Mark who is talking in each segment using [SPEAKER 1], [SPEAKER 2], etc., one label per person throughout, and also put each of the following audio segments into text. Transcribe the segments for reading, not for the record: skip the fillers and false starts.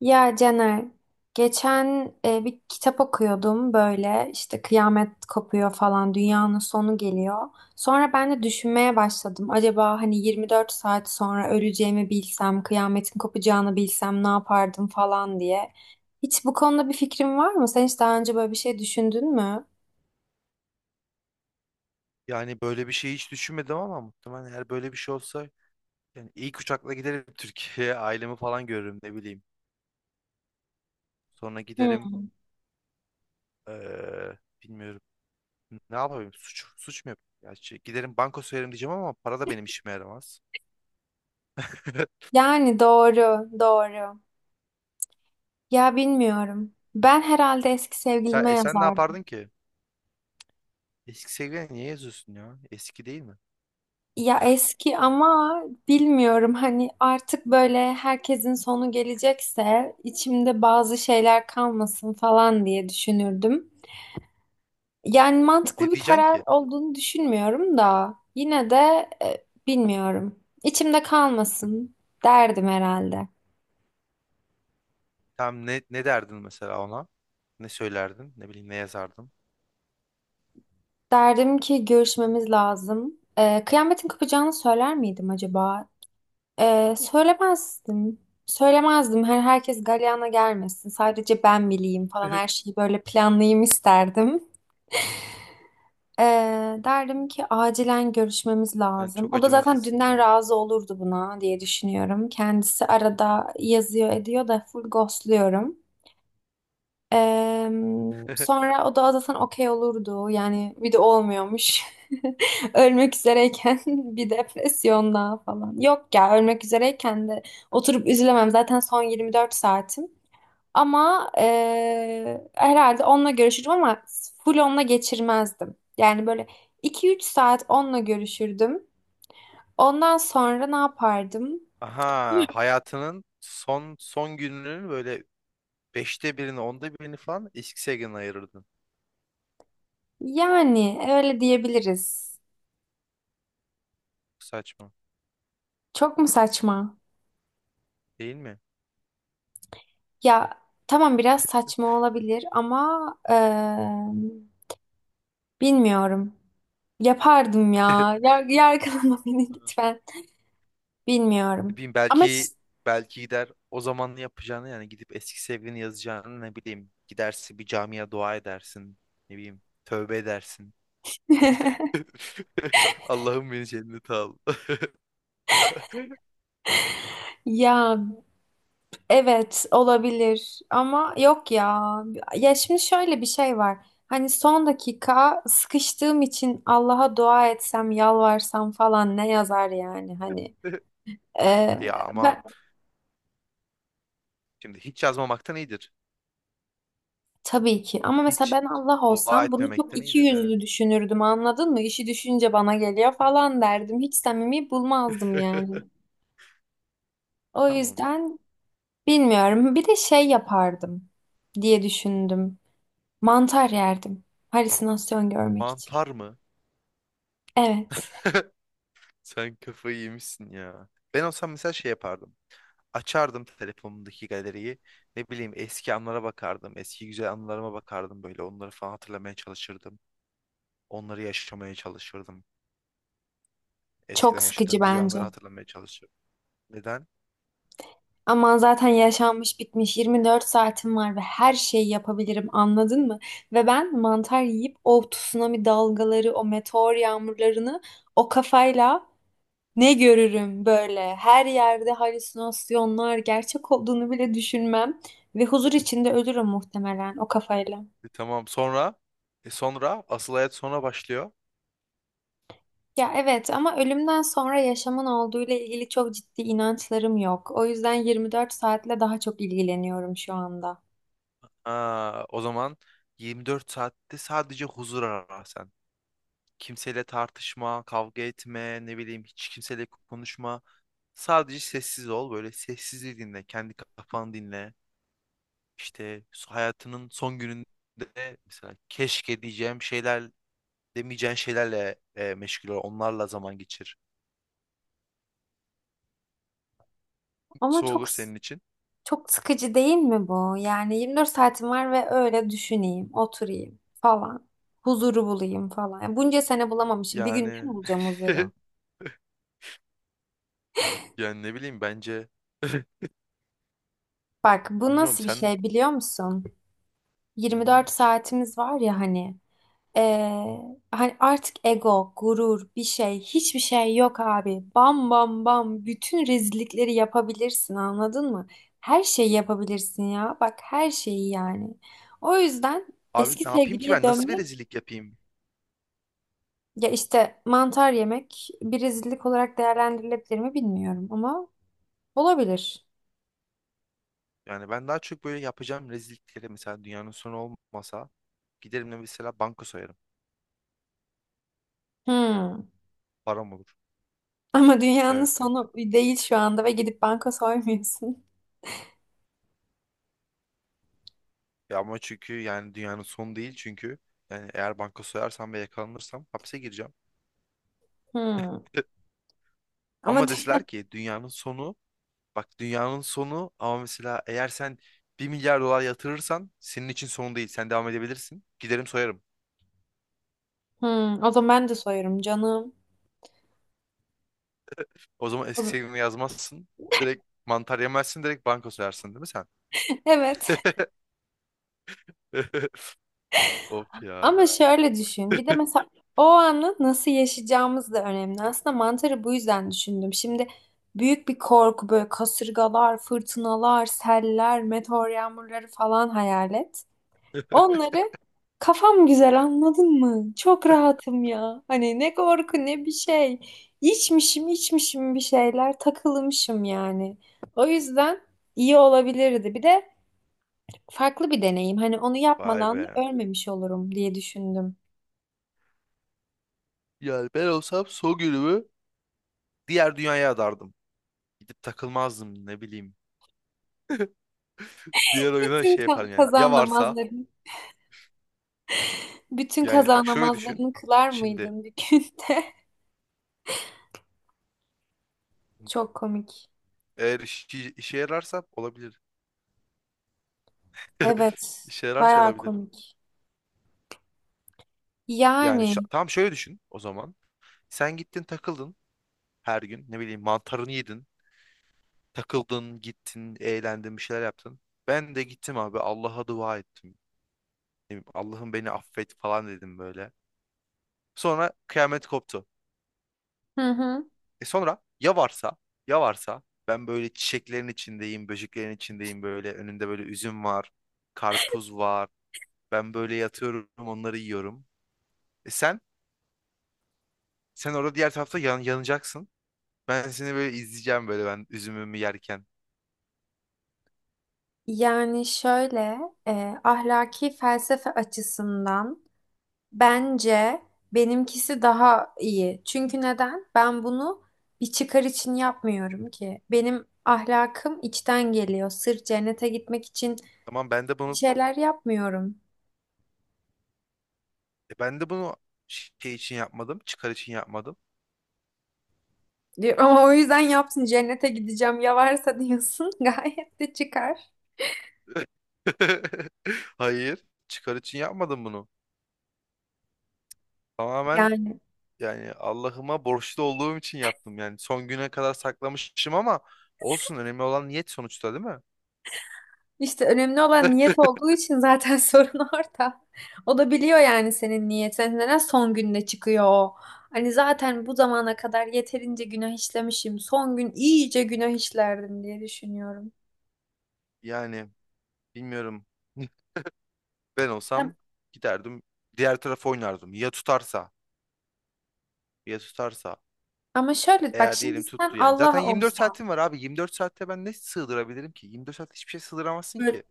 [SPEAKER 1] Ya Caner, geçen bir kitap okuyordum böyle işte kıyamet kopuyor falan dünyanın sonu geliyor. Sonra ben de düşünmeye başladım. Acaba hani 24 saat sonra öleceğimi bilsem, kıyametin kopacağını bilsem ne yapardım falan diye. Hiç bu konuda bir fikrin var mı? Sen hiç daha önce böyle bir şey düşündün mü?
[SPEAKER 2] Yani böyle bir şey hiç düşünmedim ama muhtemelen eğer böyle bir şey olsa yani ilk uçakla giderim Türkiye'ye ailemi falan görürüm ne bileyim. Sonra giderim,
[SPEAKER 1] Hmm.
[SPEAKER 2] eee, bilmiyorum, ne yapayım, suç mu yapayım? Ya şey, giderim banka soyarım diyeceğim ama para da benim işime yaramaz.
[SPEAKER 1] Yani doğru, doğru. Ya bilmiyorum. Ben herhalde eski
[SPEAKER 2] Sen,
[SPEAKER 1] sevgilime
[SPEAKER 2] e, sen ne
[SPEAKER 1] yazardım.
[SPEAKER 2] yapardın ki? Eski sevgilini niye yazıyorsun ya? Eski değil mi?
[SPEAKER 1] Ya eski ama bilmiyorum hani artık böyle herkesin sonu gelecekse içimde bazı şeyler kalmasın falan diye düşünürdüm. Yani mantıklı
[SPEAKER 2] Ne
[SPEAKER 1] bir
[SPEAKER 2] diyeceksin
[SPEAKER 1] karar
[SPEAKER 2] ki?
[SPEAKER 1] olduğunu düşünmüyorum da yine de bilmiyorum. İçimde kalmasın derdim herhalde.
[SPEAKER 2] Tam ne derdin mesela ona? Ne söylerdin? Ne bileyim, ne yazardın?
[SPEAKER 1] Derdim ki görüşmemiz lazım. Kıyametin kopacağını söyler miydim acaba? Söylemezdim. Söylemezdim. Herkes galyana gelmesin. Sadece ben bileyim falan her şeyi böyle planlayayım isterdim. Ee, Derdim ki acilen görüşmemiz
[SPEAKER 2] Yani
[SPEAKER 1] lazım.
[SPEAKER 2] çok
[SPEAKER 1] O da zaten
[SPEAKER 2] acımasızsın
[SPEAKER 1] dünden
[SPEAKER 2] ya.
[SPEAKER 1] razı olurdu buna diye düşünüyorum. Kendisi arada yazıyor ediyor da full ghostluyorum. Sonra o da zaten okey olurdu. Yani bir de olmuyormuş. Ölmek üzereyken bir depresyon daha falan. Yok ya ölmek üzereyken de oturup üzülemem. Zaten son 24 saatim. Ama herhalde onunla görüşürüm ama full onunla geçirmezdim. Yani böyle iki üç saat onunla görüşürdüm. Ondan sonra ne yapardım?
[SPEAKER 2] Aha, hayatının son son gününün böyle beşte birini, onda birini falan X-Seg'in ayırırdın.
[SPEAKER 1] Yani öyle diyebiliriz.
[SPEAKER 2] Saçma
[SPEAKER 1] Çok mu saçma?
[SPEAKER 2] değil mi?
[SPEAKER 1] Ya tamam biraz saçma olabilir ama bilmiyorum. Yapardım ya. Yargılama beni lütfen.
[SPEAKER 2] Ne
[SPEAKER 1] Bilmiyorum.
[SPEAKER 2] bileyim,
[SPEAKER 1] Ama
[SPEAKER 2] belki gider o zaman yapacağını, yani gidip eski sevgilini yazacağını. Ne bileyim, gidersin bir camiye dua edersin, ne bileyim tövbe edersin. Allah'ım, beni cennete al.
[SPEAKER 1] ya evet olabilir ama yok ya. Ya şimdi şöyle bir şey var. Hani son dakika sıkıştığım için Allah'a dua etsem, yalvarsam falan ne yazar yani hani.
[SPEAKER 2] Ya ama
[SPEAKER 1] Ben
[SPEAKER 2] şimdi hiç yazmamaktan iyidir.
[SPEAKER 1] tabii ki ama mesela
[SPEAKER 2] Hiç
[SPEAKER 1] ben Allah
[SPEAKER 2] dua
[SPEAKER 1] olsam bunu çok
[SPEAKER 2] etmemekten
[SPEAKER 1] iki
[SPEAKER 2] iyidir, evet.
[SPEAKER 1] yüzlü düşünürdüm anladın mı? İşi düşünce bana geliyor falan derdim. Hiç samimi bulmazdım yani. O
[SPEAKER 2] Tamam.
[SPEAKER 1] yüzden bilmiyorum. Bir de şey yapardım diye düşündüm. Mantar yerdim. Halüsinasyon görmek için.
[SPEAKER 2] Mantar mı?
[SPEAKER 1] Evet.
[SPEAKER 2] Sen kafayı yemişsin ya. Ben olsam mesela şey yapardım. Açardım telefonumdaki galeriyi. Ne bileyim, eski anlara bakardım. Eski güzel anılarıma bakardım böyle. Onları falan hatırlamaya çalışırdım. Onları yaşamaya çalışırdım.
[SPEAKER 1] Çok
[SPEAKER 2] Eskiden
[SPEAKER 1] sıkıcı
[SPEAKER 2] yaşadığım güzel
[SPEAKER 1] bence.
[SPEAKER 2] anları hatırlamaya çalışırdım. Neden?
[SPEAKER 1] Ama zaten yaşanmış bitmiş 24 saatim var ve her şeyi yapabilirim anladın mı? Ve ben mantar yiyip o tsunami dalgaları, o meteor yağmurlarını o kafayla ne görürüm böyle. Her yerde halüsinasyonlar gerçek olduğunu bile düşünmem ve huzur içinde ölürüm muhtemelen o kafayla.
[SPEAKER 2] Tamam, sonra, sonra asıl hayat sonra başlıyor.
[SPEAKER 1] Ya evet ama ölümden sonra yaşamın olduğuyla ilgili çok ciddi inançlarım yok. O yüzden 24 saatle daha çok ilgileniyorum şu anda.
[SPEAKER 2] Aa, o zaman 24 saatte sadece huzur ara sen. Kimseyle tartışma, kavga etme, ne bileyim hiç kimseyle konuşma. Sadece sessiz ol. Böyle sessizliği dinle. Kendi kafanı dinle. İşte hayatının son gününde mesela keşke diyeceğim şeyler, demeyeceğin şeylerle meşgul ol. Onlarla zaman geçir.
[SPEAKER 1] Ama
[SPEAKER 2] Su olur senin için.
[SPEAKER 1] çok sıkıcı değil mi bu? Yani 24 saatim var ve öyle düşüneyim, oturayım falan. Huzuru bulayım falan. Yani bunca sene bulamamışım. Bir günde mi
[SPEAKER 2] Yani
[SPEAKER 1] bulacağım huzuru?
[SPEAKER 2] yani ne bileyim, bence
[SPEAKER 1] Bak bu
[SPEAKER 2] bilmiyorum
[SPEAKER 1] nasıl bir
[SPEAKER 2] sen.
[SPEAKER 1] şey biliyor musun?
[SPEAKER 2] Hı hı.
[SPEAKER 1] 24 saatimiz var ya hani hani artık ego, gurur, bir şey, hiçbir şey yok abi. Bam bam bam bütün rezillikleri yapabilirsin anladın mı? Her şeyi yapabilirsin ya. Bak her şeyi yani. O yüzden
[SPEAKER 2] Abi,
[SPEAKER 1] eski
[SPEAKER 2] ne yapayım ki
[SPEAKER 1] sevgiliye
[SPEAKER 2] ben? Nasıl bir
[SPEAKER 1] dönmek
[SPEAKER 2] rezillik yapayım?
[SPEAKER 1] ya işte mantar yemek bir rezillik olarak değerlendirilebilir mi bilmiyorum ama olabilir.
[SPEAKER 2] Yani ben daha çok böyle yapacağım rezillikleri, mesela dünyanın sonu olmasa giderim de mesela banka soyarım.
[SPEAKER 1] Hmm.
[SPEAKER 2] Param olur.
[SPEAKER 1] Ama dünyanın
[SPEAKER 2] Evet.
[SPEAKER 1] sonu değil şu anda ve gidip banka soymuyorsun.
[SPEAKER 2] Ya ama çünkü yani dünyanın sonu değil çünkü, yani eğer banka soyarsam ve yakalanırsam hapse gireceğim.
[SPEAKER 1] Hmm. Ama
[SPEAKER 2] Ama deseler ki dünyanın sonu, bak dünyanın sonu ama mesela eğer sen 1 milyar dolar yatırırsan senin için son değil. Sen devam edebilirsin. Giderim soyarım.
[SPEAKER 1] hmm, o zaman ben de soyarım canım.
[SPEAKER 2] O zaman
[SPEAKER 1] O
[SPEAKER 2] eski
[SPEAKER 1] zaman-
[SPEAKER 2] sevgilini yazmazsın. Direkt mantar yemezsin, direkt banka soyarsın değil mi sen?
[SPEAKER 1] Evet.
[SPEAKER 2] Of ya.
[SPEAKER 1] Ama şöyle düşün. Bir de mesela o anı nasıl yaşayacağımız da önemli. Aslında mantarı bu yüzden düşündüm. Şimdi büyük bir korku böyle kasırgalar, fırtınalar, seller, meteor yağmurları falan hayal et. Onları kafam güzel anladın mı? Çok rahatım ya. Hani ne korku ne bir şey. İçmişim içmişim bir şeyler takılmışım yani. O yüzden iyi olabilirdi. Bir de farklı bir deneyim. Hani onu
[SPEAKER 2] Vay
[SPEAKER 1] yapmadan
[SPEAKER 2] be.
[SPEAKER 1] da ölmemiş olurum diye düşündüm.
[SPEAKER 2] Yani ben olsam son günümü diğer dünyaya adardım. Gidip takılmazdım, ne bileyim. Diğer oyuna şey yaparım yani. Ya
[SPEAKER 1] Kaza
[SPEAKER 2] varsa,
[SPEAKER 1] namazlarını, bütün
[SPEAKER 2] yani
[SPEAKER 1] kaza
[SPEAKER 2] bak şöyle düşün.
[SPEAKER 1] namazlarını kılar
[SPEAKER 2] Şimdi
[SPEAKER 1] mıydın bir günde? Çok komik.
[SPEAKER 2] eğer işe yararsa olabilir.
[SPEAKER 1] Evet,
[SPEAKER 2] İşe yararsa
[SPEAKER 1] bayağı
[SPEAKER 2] olabilir.
[SPEAKER 1] komik.
[SPEAKER 2] Yani
[SPEAKER 1] Yani,
[SPEAKER 2] tam şöyle düşün o zaman. Sen gittin takıldın her gün. Ne bileyim, mantarını yedin. Takıldın, gittin, eğlendin, bir şeyler yaptın. Ben de gittim abi, Allah'a dua ettim. Ne bileyim, Allah'ım beni affet falan dedim böyle. Sonra kıyamet koptu.
[SPEAKER 1] hı hı.
[SPEAKER 2] Sonra ya varsa, ya varsa ben böyle çiçeklerin içindeyim, böceklerin içindeyim, böyle önünde böyle üzüm var, karpuz var. Ben böyle yatıyorum, onları yiyorum. E sen sen orada diğer tarafta yanacaksın. Ben seni böyle izleyeceğim, böyle ben üzümümü yerken.
[SPEAKER 1] Yani şöyle, ahlaki felsefe açısından bence benimkisi daha iyi. Çünkü neden? Ben bunu bir çıkar için yapmıyorum ki. Benim ahlakım içten geliyor. Sırf cennete gitmek için
[SPEAKER 2] Tamam, ben de
[SPEAKER 1] bir
[SPEAKER 2] bunu
[SPEAKER 1] şeyler yapmıyorum
[SPEAKER 2] e ben de bunu şey için yapmadım, çıkar için yapmadım.
[SPEAKER 1] diyor. Ama o yüzden yapsın cennete gideceğim ya varsa diyorsun gayet de çıkar.
[SPEAKER 2] Hayır, çıkar için yapmadım bunu. Tamamen.
[SPEAKER 1] Yani
[SPEAKER 2] Yani Allah'ıma borçlu olduğum için yaptım. Yani son güne kadar saklamışım ama olsun, önemli olan niyet sonuçta, değil mi?
[SPEAKER 1] işte önemli olan niyet olduğu için zaten sorun orada. O da biliyor yani senin niyetin. Neden son günde çıkıyor o? Hani zaten bu zamana kadar yeterince günah işlemişim. Son gün iyice günah işlerdim diye düşünüyorum.
[SPEAKER 2] Yani bilmiyorum. Ben
[SPEAKER 1] Hem-
[SPEAKER 2] olsam giderdim, diğer tarafa oynardım. Ya tutarsa, ya tutarsa.
[SPEAKER 1] Ama şöyle bak
[SPEAKER 2] Eğer
[SPEAKER 1] şimdi
[SPEAKER 2] diyelim
[SPEAKER 1] sen
[SPEAKER 2] tuttu yani. Zaten
[SPEAKER 1] Allah
[SPEAKER 2] 24
[SPEAKER 1] olsan
[SPEAKER 2] saatim var abi. 24 saatte ben ne sığdırabilirim ki? 24 saat hiçbir şey sığdıramazsın
[SPEAKER 1] böyle
[SPEAKER 2] ki.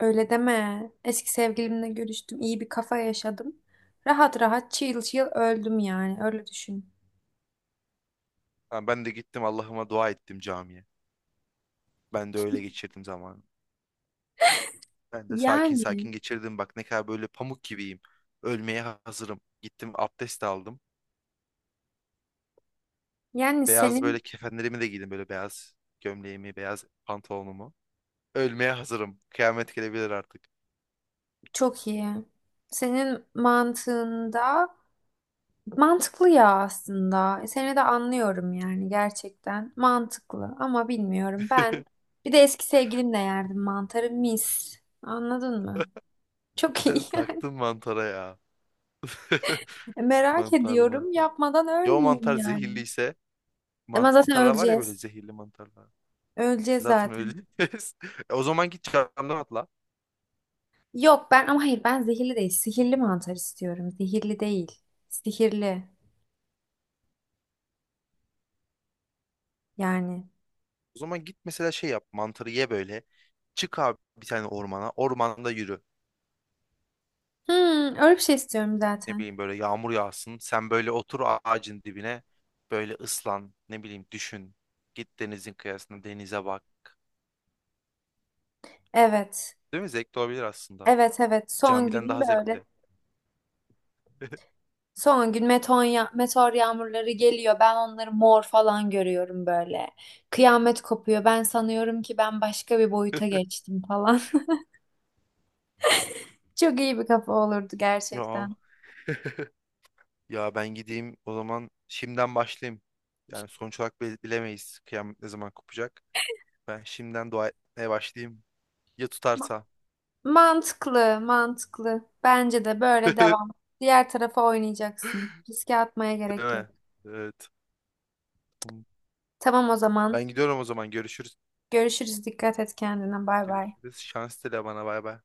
[SPEAKER 1] öyle deme. Eski sevgilimle görüştüm. İyi bir kafa yaşadım. Rahat rahat chill chill öldüm yani. Öyle düşün.
[SPEAKER 2] Ha, ben de gittim Allah'ıma dua ettim camiye. Ben de öyle geçirdim zamanı. Ben de sakin
[SPEAKER 1] Yani.
[SPEAKER 2] sakin geçirdim. Bak ne kadar böyle pamuk gibiyim. Ölmeye hazırım. Gittim, abdest aldım.
[SPEAKER 1] Yani
[SPEAKER 2] Beyaz böyle
[SPEAKER 1] senin
[SPEAKER 2] kefenlerimi de giydim, böyle beyaz gömleğimi, beyaz pantolonumu. Ölmeye hazırım. Kıyamet gelebilir artık.
[SPEAKER 1] çok iyi. Senin mantığında mantıklı ya aslında. Seni de anlıyorum yani gerçekten. Mantıklı ama bilmiyorum. Ben bir de eski sevgilimle yerdim mantarı mis. Anladın mı? Çok iyi
[SPEAKER 2] Sen
[SPEAKER 1] yani.
[SPEAKER 2] taktın mantara ya.
[SPEAKER 1] Merak
[SPEAKER 2] Mantar
[SPEAKER 1] ediyorum.
[SPEAKER 2] mantar.
[SPEAKER 1] Yapmadan
[SPEAKER 2] Ya o
[SPEAKER 1] ölmeyeyim
[SPEAKER 2] mantar
[SPEAKER 1] yani.
[SPEAKER 2] zehirliyse,
[SPEAKER 1] Ama zaten
[SPEAKER 2] mantarlar var ya, böyle
[SPEAKER 1] öleceğiz.
[SPEAKER 2] zehirli mantarlar.
[SPEAKER 1] Öleceğiz
[SPEAKER 2] Zaten
[SPEAKER 1] zaten.
[SPEAKER 2] öyleyiz. O zaman git camdan atla.
[SPEAKER 1] Yok ben ama hayır ben zehirli değil. Sihirli mantar istiyorum. Zehirli değil. Sihirli yani.
[SPEAKER 2] O zaman git mesela şey yap, mantarı ye böyle. Çık abi bir tane ormana. Ormanda yürü.
[SPEAKER 1] Hmm, öyle bir şey istiyorum
[SPEAKER 2] Ne
[SPEAKER 1] zaten.
[SPEAKER 2] bileyim, böyle yağmur yağsın. Sen böyle otur ağacın dibine, böyle ıslan, ne bileyim düşün. Git denizin kıyısına, denize bak.
[SPEAKER 1] Evet.
[SPEAKER 2] Değil mi? Zevkli olabilir aslında.
[SPEAKER 1] Evet evet. Son
[SPEAKER 2] Camiden
[SPEAKER 1] günün
[SPEAKER 2] daha
[SPEAKER 1] böyle.
[SPEAKER 2] zevkli.
[SPEAKER 1] Son gün meteor, meteor yağmurları geliyor. Ben onları mor falan görüyorum böyle. Kıyamet kopuyor. Ben sanıyorum ki ben başka bir boyuta geçtim falan. Çok iyi bir kafa olurdu
[SPEAKER 2] Ya
[SPEAKER 1] gerçekten.
[SPEAKER 2] ya ben gideyim o zaman, şimdiden başlayayım. Yani sonuç olarak bilemeyiz kıyamet ne zaman kopacak. Ben şimdiden dua etmeye başlayayım. Ya
[SPEAKER 1] Ma-
[SPEAKER 2] tutarsa.
[SPEAKER 1] Mantıklı, mantıklı. Bence de böyle devam. Diğer tarafa oynayacaksın. Riske atmaya
[SPEAKER 2] Değil
[SPEAKER 1] gerek yok.
[SPEAKER 2] mi? Evet. Tamam.
[SPEAKER 1] Tamam o zaman.
[SPEAKER 2] Ben gidiyorum o zaman. Görüşürüz.
[SPEAKER 1] Görüşürüz. Dikkat et kendine. Bay bay.
[SPEAKER 2] Görüşürüz. Şans dile bana. Bay bay.